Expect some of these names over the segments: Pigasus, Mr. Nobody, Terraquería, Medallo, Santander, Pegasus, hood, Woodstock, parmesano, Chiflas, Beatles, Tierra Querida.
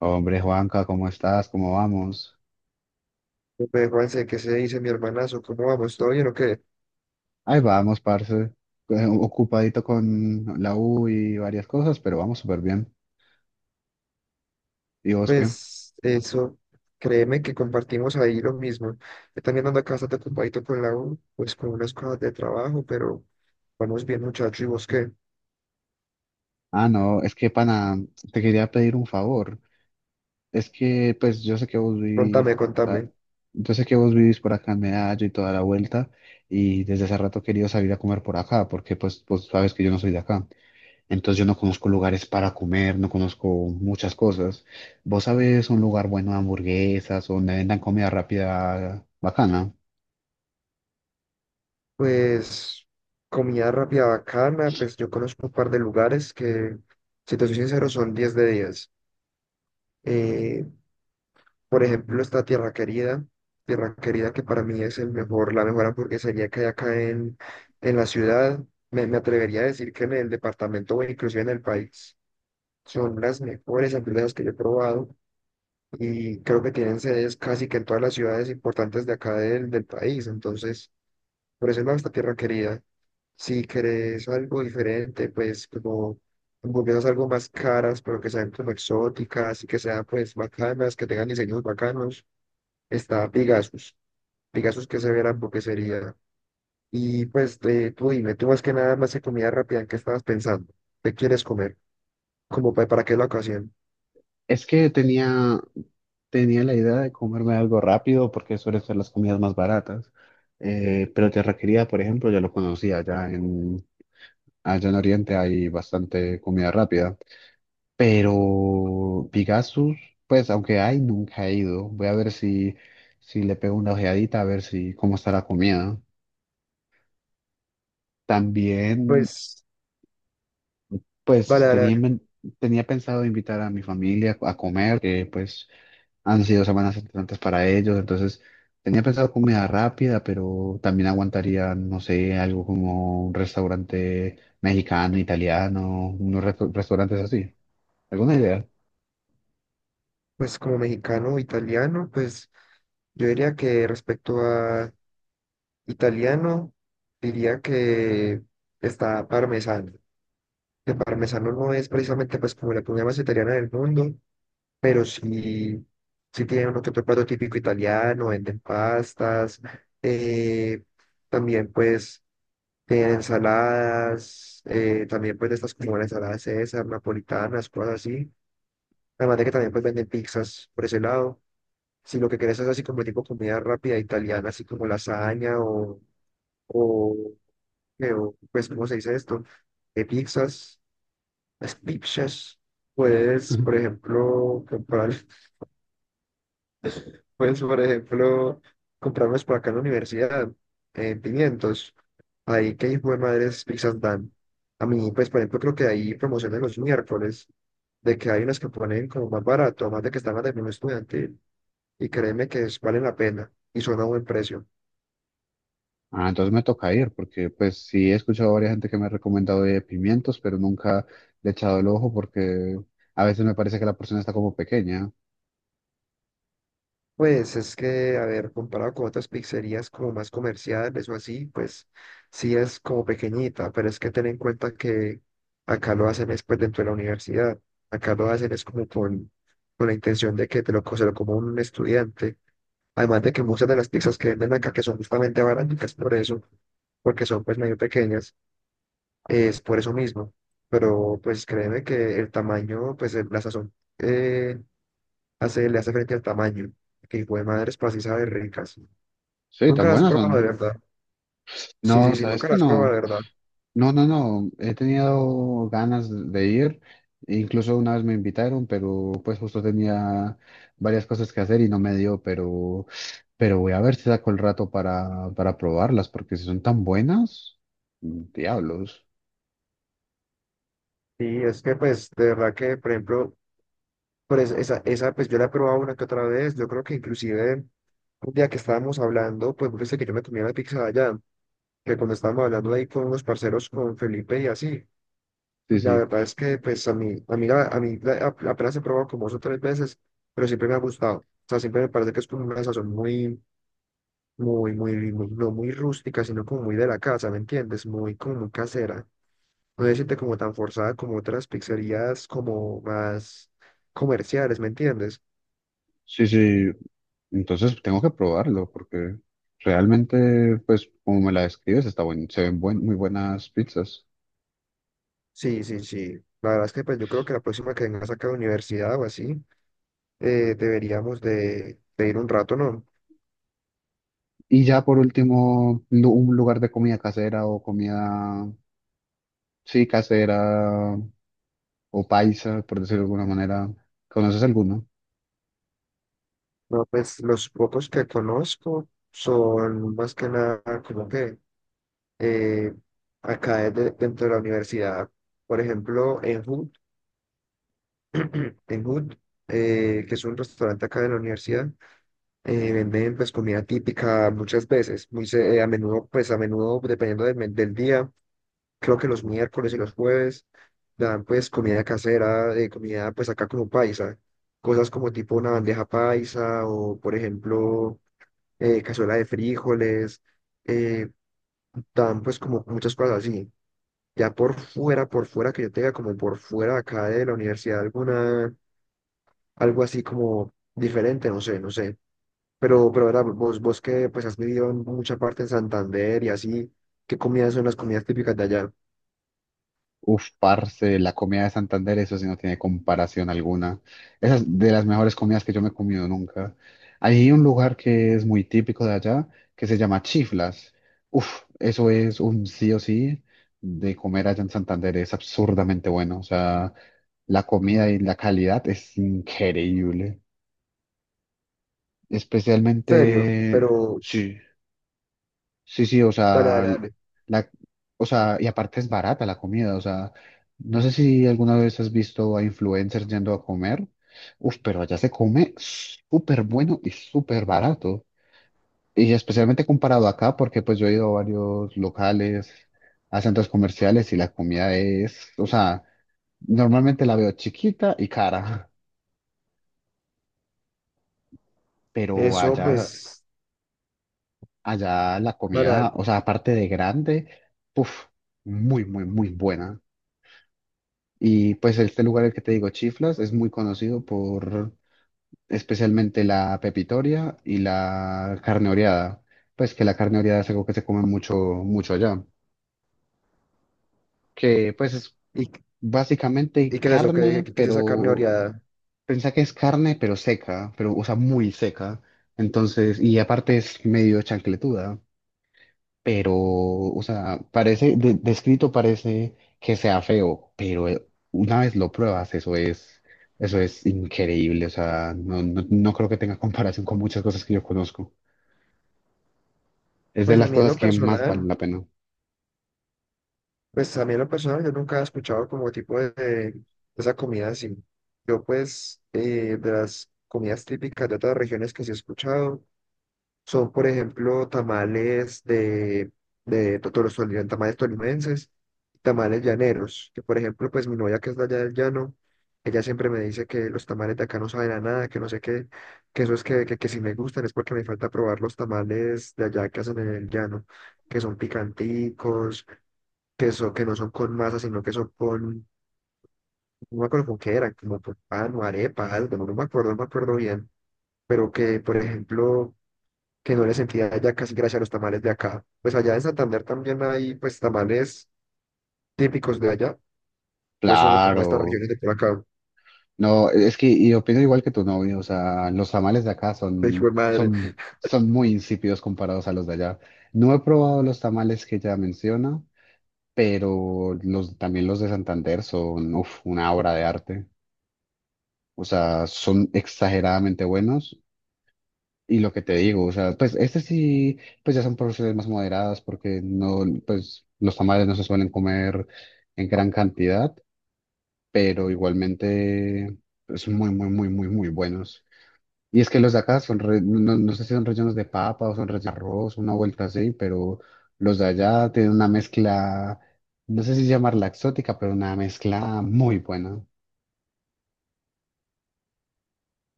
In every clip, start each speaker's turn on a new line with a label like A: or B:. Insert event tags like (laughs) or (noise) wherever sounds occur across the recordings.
A: Hombre, Juanca, ¿cómo estás? ¿Cómo vamos?
B: Pues, Juanse, ¿qué se dice mi hermanazo? ¿Cómo vamos? ¿Todo bien o qué?
A: Ahí vamos, parce. Ocupadito con la U y varias cosas, pero vamos súper bien. ¿Y vos qué?
B: Pues eso, créeme que compartimos ahí lo mismo. Yo también ando acá bastante ocupadito con la U, pues con unas cosas de trabajo, pero vamos bien, muchacho. ¿Y vos qué?
A: Ah, no, es que pana, te quería pedir un favor. Es que, pues, yo sé que vos vivís,
B: Contame,
A: ah,
B: contame.
A: yo sé que vos vivís por acá en Medallo y toda la vuelta, y desde hace rato he querido salir a comer por acá, porque, pues, vos sabes que yo no soy de acá. Entonces yo no conozco lugares para comer, no conozco muchas cosas. ¿Vos sabés un lugar bueno de hamburguesas o donde vendan comida rápida bacana?
B: Pues comida rápida bacana, pues yo conozco un par de lugares que, si te soy sincero, son 10 de diez. Eh, Por ejemplo, esta Tierra Querida, Tierra Querida que para mí es el mejor, la mejor hamburguesería que hay acá en la ciudad. Me atrevería a decir que en el departamento o inclusive en el país son las mejores hamburguesas que yo he probado y creo que tienen sedes casi que en todas las ciudades importantes de acá del país. Entonces, por eso es esta Tierra Querida. Si querés algo diferente, pues como hamburguesas algo más caras, pero que sean como exóticas y que sean pues bacanas, que tengan diseños bacanos, está Pegasus. Pegasus que se verá en sería. Y pues, tú dime, tú más que nada más de comida rápida, ¿en qué estabas pensando? ¿Qué quieres comer? ¿Como para qué la ocasión?
A: Es que tenía la idea de comerme algo rápido porque suelen ser las comidas más baratas. Pero Terraquería, por ejemplo, ya lo conocía, allá en Oriente hay bastante comida rápida. Pero Pigasus, pues aunque hay, nunca he ido. Voy a ver si le pego una ojeadita, a ver si cómo está la comida. También,
B: Pues,
A: pues,
B: vale, vale, vale.
A: tenía pensado invitar a mi familia a comer, que pues han sido semanas importantes para ellos, entonces tenía pensado comida rápida, pero también aguantaría, no sé, algo como un restaurante mexicano, italiano, restaurantes así. ¿Alguna idea?
B: Pues como mexicano o italiano, pues yo diría que respecto a italiano, diría que está parmesano. Que parmesano no es precisamente pues como la comida más italiana del mundo, pero sí, sí tienen uno que otro plato típico italiano, venden pastas, eh, también pues tienen ensaladas, también pues de estas como la ensalada César, napolitanas, cosas así, además de que también pues venden pizzas por ese lado, si lo que quieres es así como tipo comida rápida italiana, así como lasaña o, o, pues ¿cómo se dice esto? Eh, pizzas, las pizzas, puedes por
A: (laughs)
B: ejemplo comprar. (laughs) Pues, por ejemplo, comprarnos por acá en la universidad 500. Ahí que hijo de madres pizzas dan. A mí, pues, por ejemplo, creo que ahí promociones los miércoles, de que hay unas que ponen como más barato, más de que están más de menú estudiantil. Y créeme que valen la pena y son a buen precio.
A: Ah, entonces me toca ir, porque pues sí he escuchado a varias gente que me ha recomendado de pimientos, pero nunca le he echado el ojo porque a veces me parece que la porción está como pequeña.
B: Pues es que, a ver, comparado con otras pizzerías como más comerciales o así, pues sí es como pequeñita, pero es que ten en cuenta que acá lo hacen después dentro de la universidad, acá lo hacen es como con la intención de que te lo, se lo coma un estudiante, además de que muchas de las pizzas que venden acá que son justamente baratas por eso, porque son pues medio pequeñas, es por eso mismo, pero pues créeme que el tamaño, pues la sazón eh, hace, le hace frente al tamaño, que hijo de madres, pues así sabe ricas.
A: Sí, tan
B: ¿Nunca las has
A: buenas
B: probado de
A: son.
B: verdad? Sí,
A: No,
B: sí, sí,
A: sabes
B: nunca
A: que
B: las has
A: no.
B: probado de verdad.
A: No, no, no. He tenido ganas de ir. Incluso una vez me invitaron, pero pues justo tenía varias cosas que hacer y no me dio, pero voy a ver si saco el rato para probarlas, porque si son tan buenas, diablos.
B: Sí es que, pues, de verdad que, por ejemplo, pues, esa, pues yo la he probado una que otra vez. Yo creo que inclusive un día que estábamos hablando, pues, vos viste que yo me comía la pizza de allá, que cuando estábamos hablando ahí con unos parceros, con Felipe y así.
A: Sí,
B: La
A: sí,
B: verdad es que, pues, a mí, la- a mí la- a- apenas he probado como dos o tres veces, pero siempre me ha gustado. O sea, siempre me parece que es como una sazón muy, muy, muy, no muy rústica, sino como muy de la casa, ¿me entiendes? Muy, como muy casera. No se siente como tan forzada como otras pizzerías como más comerciales, ¿me entiendes?
A: sí, sí. Entonces tengo que probarlo, porque realmente, pues como me la describes, está buen, muy buenas pizzas.
B: Sí, sí, sí. La verdad es que pues yo creo que la próxima que vengas acá a la universidad o así, deberíamos de ir un rato, ¿no?
A: Y ya por último, un lugar de comida casera o comida. Sí, casera o paisa, por decirlo de alguna manera. ¿Conoces alguno?
B: No, pues los pocos que conozco son más que nada como que eh, acá dentro de la universidad. Por ejemplo, en hood, que es un restaurante acá de la universidad, venden pues comida típica muchas veces, a menudo, pues a menudo, dependiendo del día, creo que los miércoles y los jueves dan pues comida casera, comida pues acá como paisa, cosas como tipo una bandeja paisa o por ejemplo cazuela de frijoles, eh, dan pues como muchas cosas así. Ya por fuera que yo tenga como por fuera acá de la universidad alguna, algo así como diferente, no sé, no sé. Pero, ¿verdad? Vos que pues has vivido en mucha parte en Santander y así, ¿qué comidas son las comidas típicas de allá?
A: Uf, parce, la comida de Santander, eso sí no tiene comparación alguna. Esa es de las mejores comidas que yo me he comido nunca. Hay un lugar que es muy típico de allá, que se llama Chiflas. Uf, eso es un sí o sí de comer allá en Santander, es absurdamente bueno. O sea, la comida y la calidad es increíble.
B: ¿Serio?
A: Especialmente,
B: Pero
A: sí. Sí, sí, o
B: dale, dale,
A: sea,
B: dale.
A: la, o sea, y aparte es barata la comida, o sea, no sé si alguna vez has visto a influencers yendo a comer, uf, pero allá se come súper bueno y súper barato, y especialmente comparado acá, porque pues yo he ido a varios locales, a centros comerciales y la comida es, o sea, normalmente la veo chiquita y cara, pero
B: Eso,
A: allá,
B: pues,
A: allá la
B: dale, dale.
A: comida, o sea, aparte de grande, uf, muy, muy, muy buena. Y pues este lugar, el que te digo, Chiflas, es muy conocido por especialmente la pepitoria y la carne oreada. Pues que la carne oreada es algo que se come mucho, mucho allá. Que pues es
B: ¿Y, y
A: básicamente
B: qué es eso? ¿Qué,
A: carne,
B: qué es esa carne
A: pero
B: oreada?
A: pensá que es carne, pero seca, pero o sea, muy seca. Entonces, y aparte es medio chancletuda. Pero, o sea, parece, descrito parece que sea feo, pero una vez lo pruebas, eso es increíble, o sea, no, no, no creo que tenga (laughs) comparación con muchas cosas que yo conozco. Es de
B: Pues a
A: las
B: mí en
A: cosas
B: lo
A: que más
B: personal,
A: valen la pena.
B: pues a mí en lo personal yo nunca he escuchado como tipo de esa comida así. Yo pues de las comidas típicas de otras regiones que sí he escuchado. Son, por ejemplo, tamales de los tamales tolimenses, tamales llaneros, que por ejemplo, pues mi novia que es de allá del llano, ella siempre me dice que los tamales de acá no saben a nada, que no sé qué, que eso es que si me gustan es porque me falta probar los tamales de allá que hacen en el llano, que son picanticos, que no son con masa, sino que son con, no me acuerdo con qué eran, como con pan o arepa, algo, no no me acuerdo, no me acuerdo bien, pero que, por ejemplo que no le sentía allá casi gracias a los tamales de acá. Pues allá en Santander también hay pues tamales típicos de allá, pues solo como estas
A: Claro,
B: regiones de por acá.
A: no, es que y opino igual que tu novio, o sea, los tamales de acá
B: Pues, hijo
A: son,
B: de madre,
A: son muy insípidos comparados a los de allá. No he probado los tamales que ya menciona, pero los, también los de Santander son, uf, una obra de arte. O sea, son exageradamente buenos. Y lo que te digo, o sea, pues este sí, pues ya son porciones más moderadas porque no, pues los tamales no se suelen comer en gran cantidad, pero igualmente pues, son muy, muy, muy, muy, muy buenos. Y es que los de acá son, no, no sé si son rellenos de papa o son rellenos de arroz, una vuelta así, pero los de allá tienen una mezcla, no sé si llamarla exótica, pero una mezcla muy buena.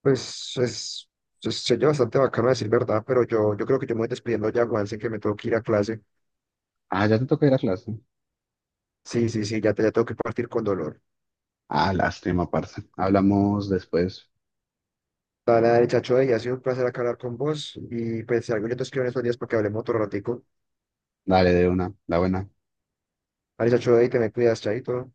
B: pues se oye bastante bacano decir verdad, pero yo creo que yo me voy despidiendo ya, Juan, sé que me tengo que ir a clase.
A: Ah, ya te toca ir a clase.
B: Sí, sí, sí, ya tengo que partir con dolor.
A: Ah, lástima, parce. Hablamos después.
B: Dale, chacho, y ha sido un placer acá hablar con vos. Y pues si algo yo te escribo en estos días para que hablemos otro ratico.
A: Dale de una, la buena.
B: Dale, chacho, y te me cuidas, chaito.